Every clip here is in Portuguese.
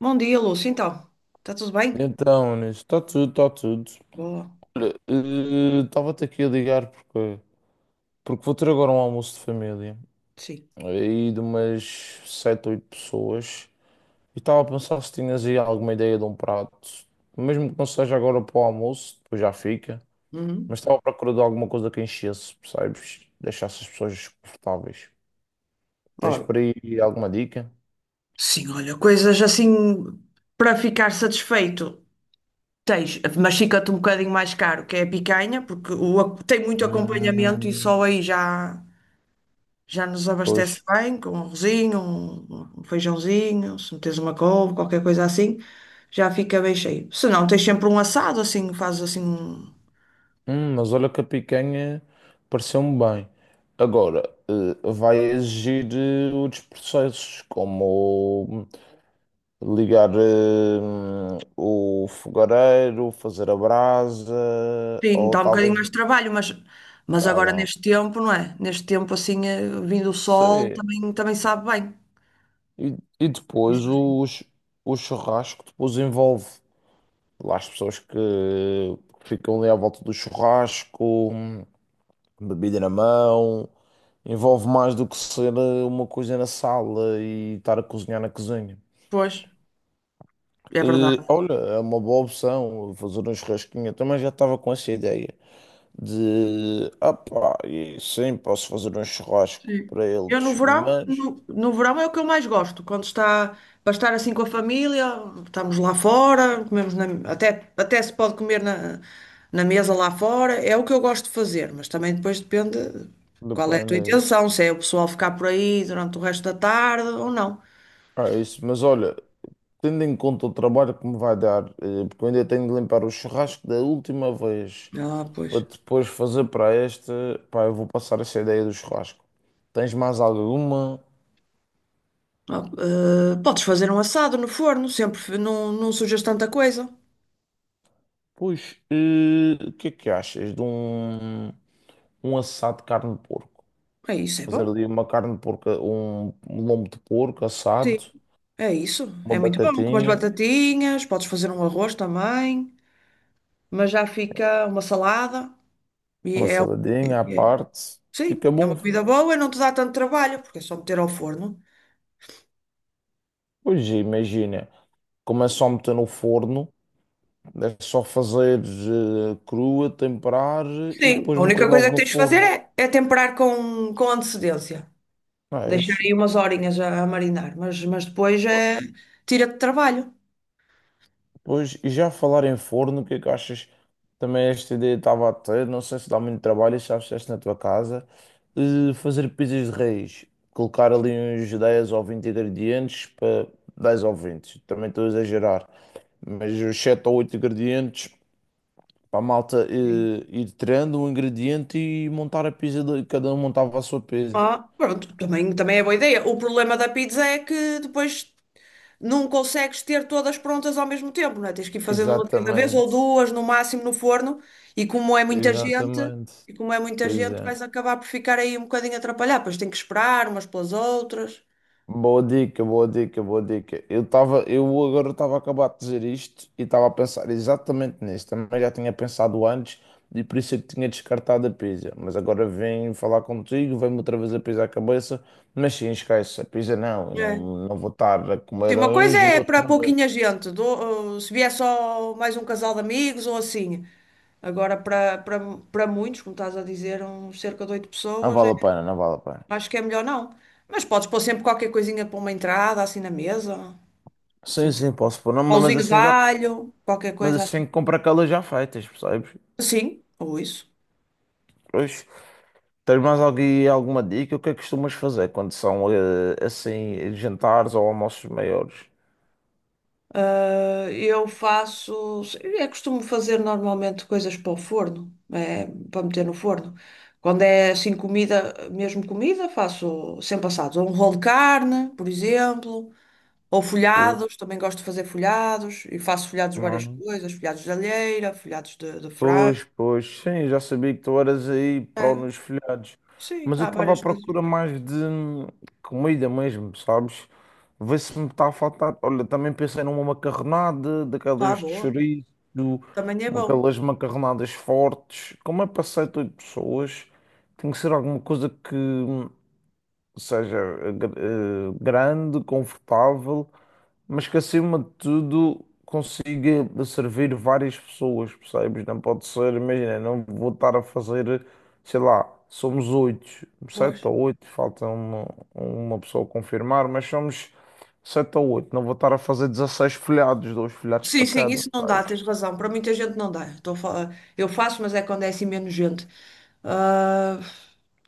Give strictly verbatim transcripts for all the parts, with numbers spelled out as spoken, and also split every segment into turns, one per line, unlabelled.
Bom dia, Lúcia. Então, está tudo bem?
Então, nisso, está tudo, está tudo.
Boa.
Olha, eh, estava-te aqui a ligar porque, porque vou ter agora um almoço de família
Sim.
aí de umas sete oito pessoas e estava a pensar se tinhas aí alguma ideia de um prato, mesmo que não seja agora para o almoço, depois já fica, mas
Uhum.
estava à procura de alguma coisa que enchesse, percebes? Deixasse as pessoas confortáveis. Tens
Ora.
por aí alguma dica?
Sim, olha, coisas assim para ficar satisfeito. Tens, mas fica-te um bocadinho mais caro, que é a picanha, porque o ac- tem muito acompanhamento e
Hum.
só aí já, já nos
Pois.
abastece bem, com um arrozinho, um, um feijãozinho, se meteres uma couve, qualquer coisa assim, já fica bem cheio. Se não, tens sempre um assado, assim, fazes assim. Um.
Hum, mas olha que a picanha pareceu-me bem. Agora, eh, vai exigir eh, outros processos, como ligar eh, o fogareiro, fazer a brasa,
Sim,
ou
dá um bocadinho
talvez.
mais de trabalho, mas, mas
Dá,
agora
dá.
neste tempo, não é? Neste tempo, assim, eh, vindo o sol,
Sim.
também, também sabe bem.
E, e depois os, o churrasco depois envolve lá as pessoas que ficam ali à volta do churrasco. Bebida na mão, envolve mais do que ser eh, uma coisa na sala e estar a cozinhar na cozinha.
Pois, é
Eh,
verdade.
olha, é uma boa opção fazer um churrasquinho. Eu também já estava com essa ideia de, ah pá, e sim, posso fazer um churrasco
Sim.
para
Eu no
eles,
verão,
mas
no, no verão é o que eu mais gosto, quando está para estar assim com a família, estamos lá fora, comemos na- até, até se pode comer na, na mesa lá fora, é o que eu gosto de fazer, mas também depois depende qual é a tua
depende, é isso.
intenção, se é o pessoal ficar por aí durante o resto da tarde ou não.
Ah, é isso, mas olha, tendo em conta o trabalho que me vai dar, eh, porque eu ainda tenho de limpar o churrasco da última vez
Ah,
para
pois.
depois fazer para este, pá, eu vou passar essa ideia do churrasco. Tens mais alguma?
Ah, eh, podes fazer um assado no forno, sempre f- não, não sujas tanta coisa.
Pois, eh, o que é que achas de um, um assado de carne de porco?
É isso, é
Fazer
bom.
ali uma carne de porco, um, um lombo de porco
Sim,
assado,
é isso.
uma
É muito bom. Com umas
batatinha,
batatinhas, podes fazer um arroz também, mas já fica uma salada. E
uma
é,
saladinha à
é-
parte.
sim,
Fica
é
bom.
uma comida boa e não te dá tanto trabalho, porque é só meter ao forno.
Pois, imagina, como é só meter no forno, é só fazer eh, crua, temperar e
Sim,
depois
a
meter
única coisa
logo
que
no
tens de fazer
forno.
é, é temperar com, com antecedência.
Não é
Deixar
isso?
aí umas horinhas a, a marinar, mas, mas depois é tira-te trabalho.
Pois, e já falar em forno, o que é que achas? Também esta ideia estava a ter, não sei se dá muito trabalho, já fizeste na tua casa, eh, fazer pizzas de raiz, colocar ali uns dez ou vinte ingredientes para dez ou vinte também estou a exagerar, mas os sete ou oito ingredientes para a malta eh, ir tirando um ingrediente e montar a pizza, de- cada um montava a sua pizza.
Ah, pronto, também, também é boa ideia. O problema da pizza é que depois não consegues ter todas prontas ao mesmo tempo, não é? Tens que ir fazendo uma de cada vez ou
Exatamente,
duas no máximo no forno, e como é muita gente,
exatamente,
e como é muita
pois
gente,
é.
vais acabar por ficar aí um bocadinho atrapalhado, pois tem que esperar umas pelas outras.
Boa dica, boa dica, boa dica. Eu estava, eu agora estava a acabar de dizer isto e estava a pensar exatamente nisso. Também já tinha pensado antes e por isso é que tinha descartado a pizza. Mas agora vim falar contigo, vem-me outra vez a pizza à cabeça. Mas sim, esquece, a pizza não, eu
É.
não, não vou estar a
Sim,
comer
uma coisa
uns e
é para
outros. A ver.
pouquinha gente, do- uh, se vier só mais um casal de amigos ou assim. Agora, para para- para muitos, como estás a dizer, uns cerca de oito
Não
pessoas.
vale
É.
a pena, não vale a pena.
Acho que é melhor não. Mas podes pôr sempre qualquer coisinha para uma entrada, assim na mesa.
Sim,
Sempre
sim, posso pôr, não, mas
pauzinho de
assim já,
alho, qualquer
mas
coisa assim.
assim compro aquelas já feitas, percebes?
Sim, ou isso.
Pois. Tens mais alguém, alguma dica? O que é que costumas fazer quando são eh, assim jantares ou almoços maiores?
Eh, Eu faço. Eu costumo fazer normalmente coisas para o forno, eh, para meter no forno. Quando é assim comida, mesmo comida, faço sempre assados. Ou um rolo de carne, por exemplo. Ou
Ou-
folhados, também gosto de fazer folhados. E faço folhados de
Não,
várias
não.
coisas: folhados de alheira, folhados de, de frango.
Pois, pois, sim, já sabia que tu eras aí pró
Né?
nos folhados,
Sim,
mas eu
há
estava à
várias coisas.
procura mais de hum, comida mesmo, sabes? Vê se me está a faltar. Olha, também pensei numa macarronada,
Ah,
daquelas de
boa.
chouriço,
Também é
uma-
bom.
aquelas macarronadas fortes. Como é para sete, oito pessoas, tem que ser alguma coisa que hum, ou seja, gr- eh, grande, confortável, mas que acima de tudo consiga servir várias pessoas, percebes? Não pode ser, imagina, não vou estar a fazer, sei lá, somos oito,
Pois.
sete ou oito, falta uma, uma pessoa confirmar, mas somos sete ou oito, não vou estar a fazer dezasseis folhados, dois folhados
Sim,
para
sim,
cada,
isso não dá,
percebes?
tens razão. Para muita gente não dá. Estou a falar- Eu faço, mas é quando é assim menos gente. Ah,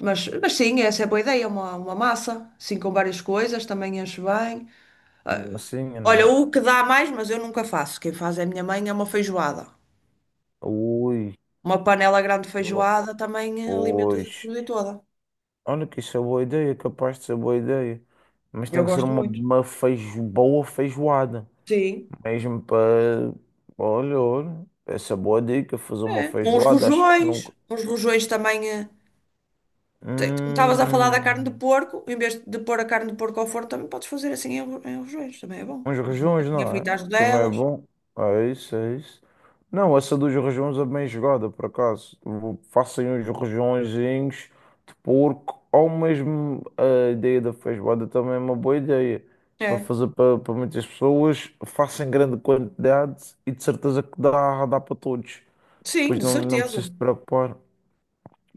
mas, mas sim, essa é boa ideia. Uma, uma massa, assim com várias coisas, também enche bem.
Assim,
Olha,
não.
o que dá mais, mas eu nunca faço. Quem faz é a minha mãe, é uma feijoada.
Ui,
Uma panela grande de feijoada também alimenta a
pois.
família toda.
Olha que isso é boa ideia, é capaz de ser boa ideia. Mas
Eu
tem que ser
gosto
uma,
muito.
uma feijo, boa feijoada.
Sim.
Mesmo para. Olha, olha, essa é boa dica, fazer uma
É. Uns
feijoada, acho que
rojões.
nunca.
Uns rojões também. eh, Te- Tu estavas a falar da carne de
Hum.
porco, em vez de pôr a carne de porco ao forno, também podes fazer assim em, ro- em rojões, também é bom.
Uns
Uma
rejuns,
batatinha
não é?
frita às
Também é
rodelas.
bom. É isso, é isso. Não, essa dos rejuns é bem jogada, por acaso. Vou- Façam uns rejunzinhos de porco, ou mesmo a ideia da feijoada também é uma boa ideia. Para
É,
fazer para, para muitas pessoas, façam grande quantidade e de certeza que dá, dá para todos.
sim,
Depois
de
não, não
certeza,
preciso te preocupar.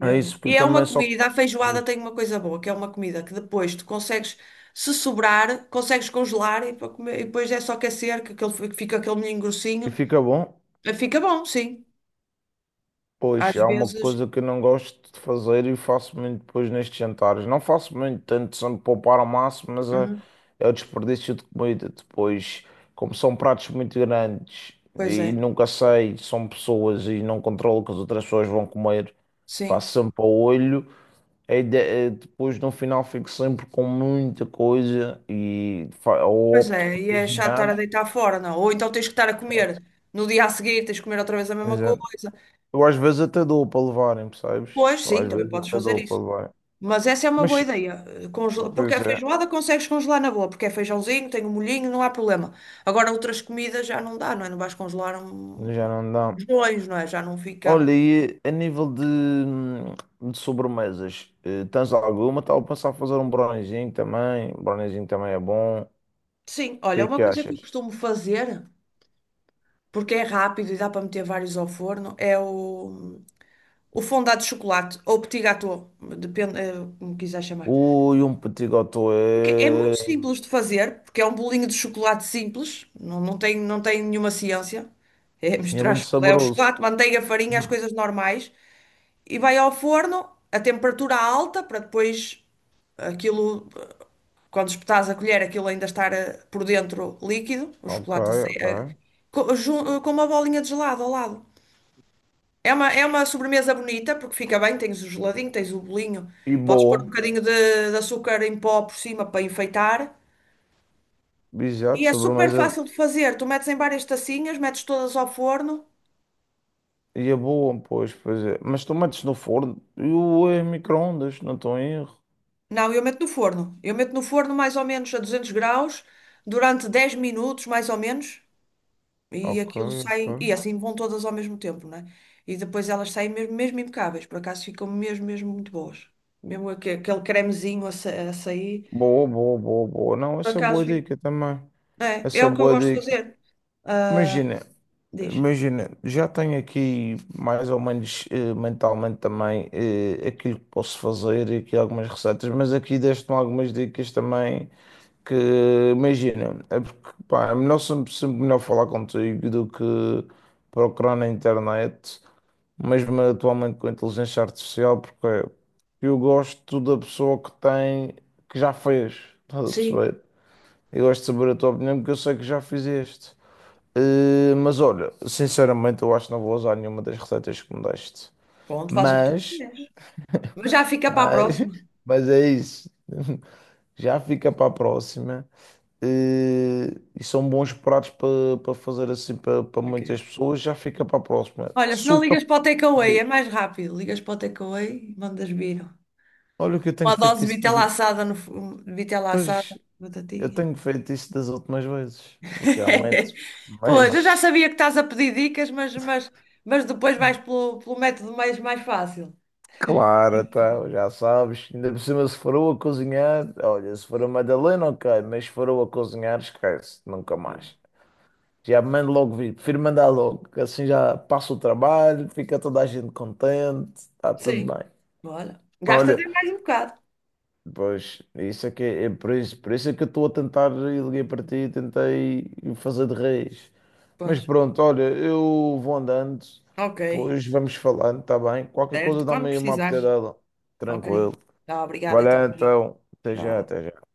É isso, porque
E é
também
uma
só.
comida, a feijoada tem uma coisa boa, que é uma comida que depois tu consegues, se sobrar, consegues congelar e, para comer, e depois é só aquecer, que aquele, fi- fica aquele molhinho
E
grossinho.
fica bom.
Eh, Fica bom, sim. Às
Pois, há uma
vezes,
coisa que eu não gosto de fazer e faço muito depois nestes jantares. Não faço muito, tento sempre poupar ao máximo, mas é,
uhum,
é o desperdício de comida. Depois, como são pratos muito grandes
pois
e
é,
nunca sei, são pessoas e não controlo o que as outras pessoas vão comer, faço
sim.
sempre ao olho. A ide- eh, depois, no final, fico sempre com muita coisa e fa- ou
Pois
opto
é,
por
e é chato estar
cozinhar.
a deitar fora, não? Ou então tens que estar a comer
Chato.
no dia a seguir, tens que comer outra vez a mesma
Exato.
coisa.
Eu às vezes até dou para levarem, percebes?
Pois,
Eu
sim,
às
também
vezes
podes
até
fazer
dou para
isso.
levar.
Mas essa é uma boa
Mas,
ideia. Congela- Porque a
pois é,
feijoada consegues congelar na boa, porque é feijãozinho, tem um molhinho, não há problema. Agora outras comidas já não dá, não é? Não vais congelar um...
já não dá.
uns dois, não é? Já não fica.
Olha, e a nível de, de sobremesas, eh, tens alguma? Estava a pensar em fazer um brownizinho também. Um brownizinho também é bom. O
Sim,
que
olha,
é
uma
que
coisa que eu
achas?
costumo fazer, porque é rápido e dá para meter vários ao forno, é o, o fondant de chocolate ou petit gâteau, depende, eh, como quiser chamar.
Ui, um petit gâteau
Porque é muito
é,
simples de fazer, porque é um bolinho de chocolate simples, não, não tem, não tem nenhuma ciência. É
é
misturar
muito
chocolate, é o
saboroso.
chocolate, manteiga, farinha, as
Uhum.
coisas normais, e vai ao forno a temperatura alta para depois aquilo, eh, quando espetares a colher, aquilo ainda estar eh, por dentro líquido, o
Ok,
chocolate a sair,
ok.
eh, co- jun- eh, com uma bolinha de gelado ao lado. É uma, é uma sobremesa bonita porque fica bem, tens o geladinho, tens o bolinho,
E
podes pôr um
boa.
bocadinho de, de açúcar em pó por cima para enfeitar.
Exato,
E é super
sobremesa.
fácil de fazer. Tu metes em várias tacinhas, metes todas ao forno.
E é boa, pois, pois é. Mas tu metes no forno e o eh, micro-ondas, não estou em erro.
Não, eu meto no forno. Eu meto no forno mais ou menos a 200 graus durante dez minutos, mais ou menos. E
Ok,
aquilo
ok.
sai. E assim vão todas ao mesmo tempo, né? E depois elas saem mesmo, mesmo impecáveis. Por acaso ficam mesmo, mesmo muito boas. Mesmo aque- aquele cremezinho a, sa- a sair.
Boa, boa, boa, boa. Não,
Por
essa é
acaso
boa
fica.
dica também.
É, é
Essa
o que eu
boa
gosto de
dica.
fazer. Ah,
Imagina,
diz.
imagina, já tenho aqui mais ou menos eh, mentalmente também eh, aquilo que posso fazer e aqui algumas receitas, mas aqui deste-me algumas dicas também que imagina, é porque pá, é melhor sempre, sempre melhor falar contigo do que procurar na internet, mesmo atualmente com a inteligência artificial, porque eu gosto da pessoa que tem, que já fez, estás a
Sim.
perceber? Eu gosto de saber a tua opinião porque eu sei que já fizeste. Eh, mas olha, sinceramente, eu acho que não vou usar nenhuma das receitas que me deste.
Pronto, faz o que tu
Mas,
quiseres. Mas já fica para a
mas,
próxima.
mas é isso. Já fica para a próxima. Eh, e são bons pratos para para fazer assim para para
Ok.
muitas pessoas. Já fica para a próxima.
Olha, se não
Suca.
ligas para o takeaway, é mais rápido. Ligas para o takeaway e mandas vir.
Olha o que eu tenho
Uma dose
feito
de
isso das
vitela
últimas.
assada, no, fu- vitela assada,
Pois, eu
batatinha.
tenho feito isso das últimas vezes, realmente.
Pois, eu já
Mas.
sabia que estás a pedir dicas, mas, mas, mas depois vais pelo, pelo método mais, mais fácil.
Claro, então, já sabes. Ainda por cima, se for a cozinhar, olha, se for a Madalena, ok, mas se for a cozinhar, esquece, nunca mais. Já mando logo vir, prefiro mandar logo, que assim já passa o trabalho, fica toda a gente contente, está tudo
Sim.
bem.
Bora. Gasta até
Olha,
mais um bocado.
pois, isso é que é, é por isso, por isso é que eu estou a tentar, e liguei para ti, tentei fazer de reis. Mas
Pois.
pronto, olha, eu vou andando,
Ok.
depois vamos falando, está bem? Qualquer
Certo.
coisa
Quando
dá-me aí uma
precisares.
apetidela,
Ok.
tranquilo.
Tá, obrigada então.
Valeu, então. Até já,
Já.
até já.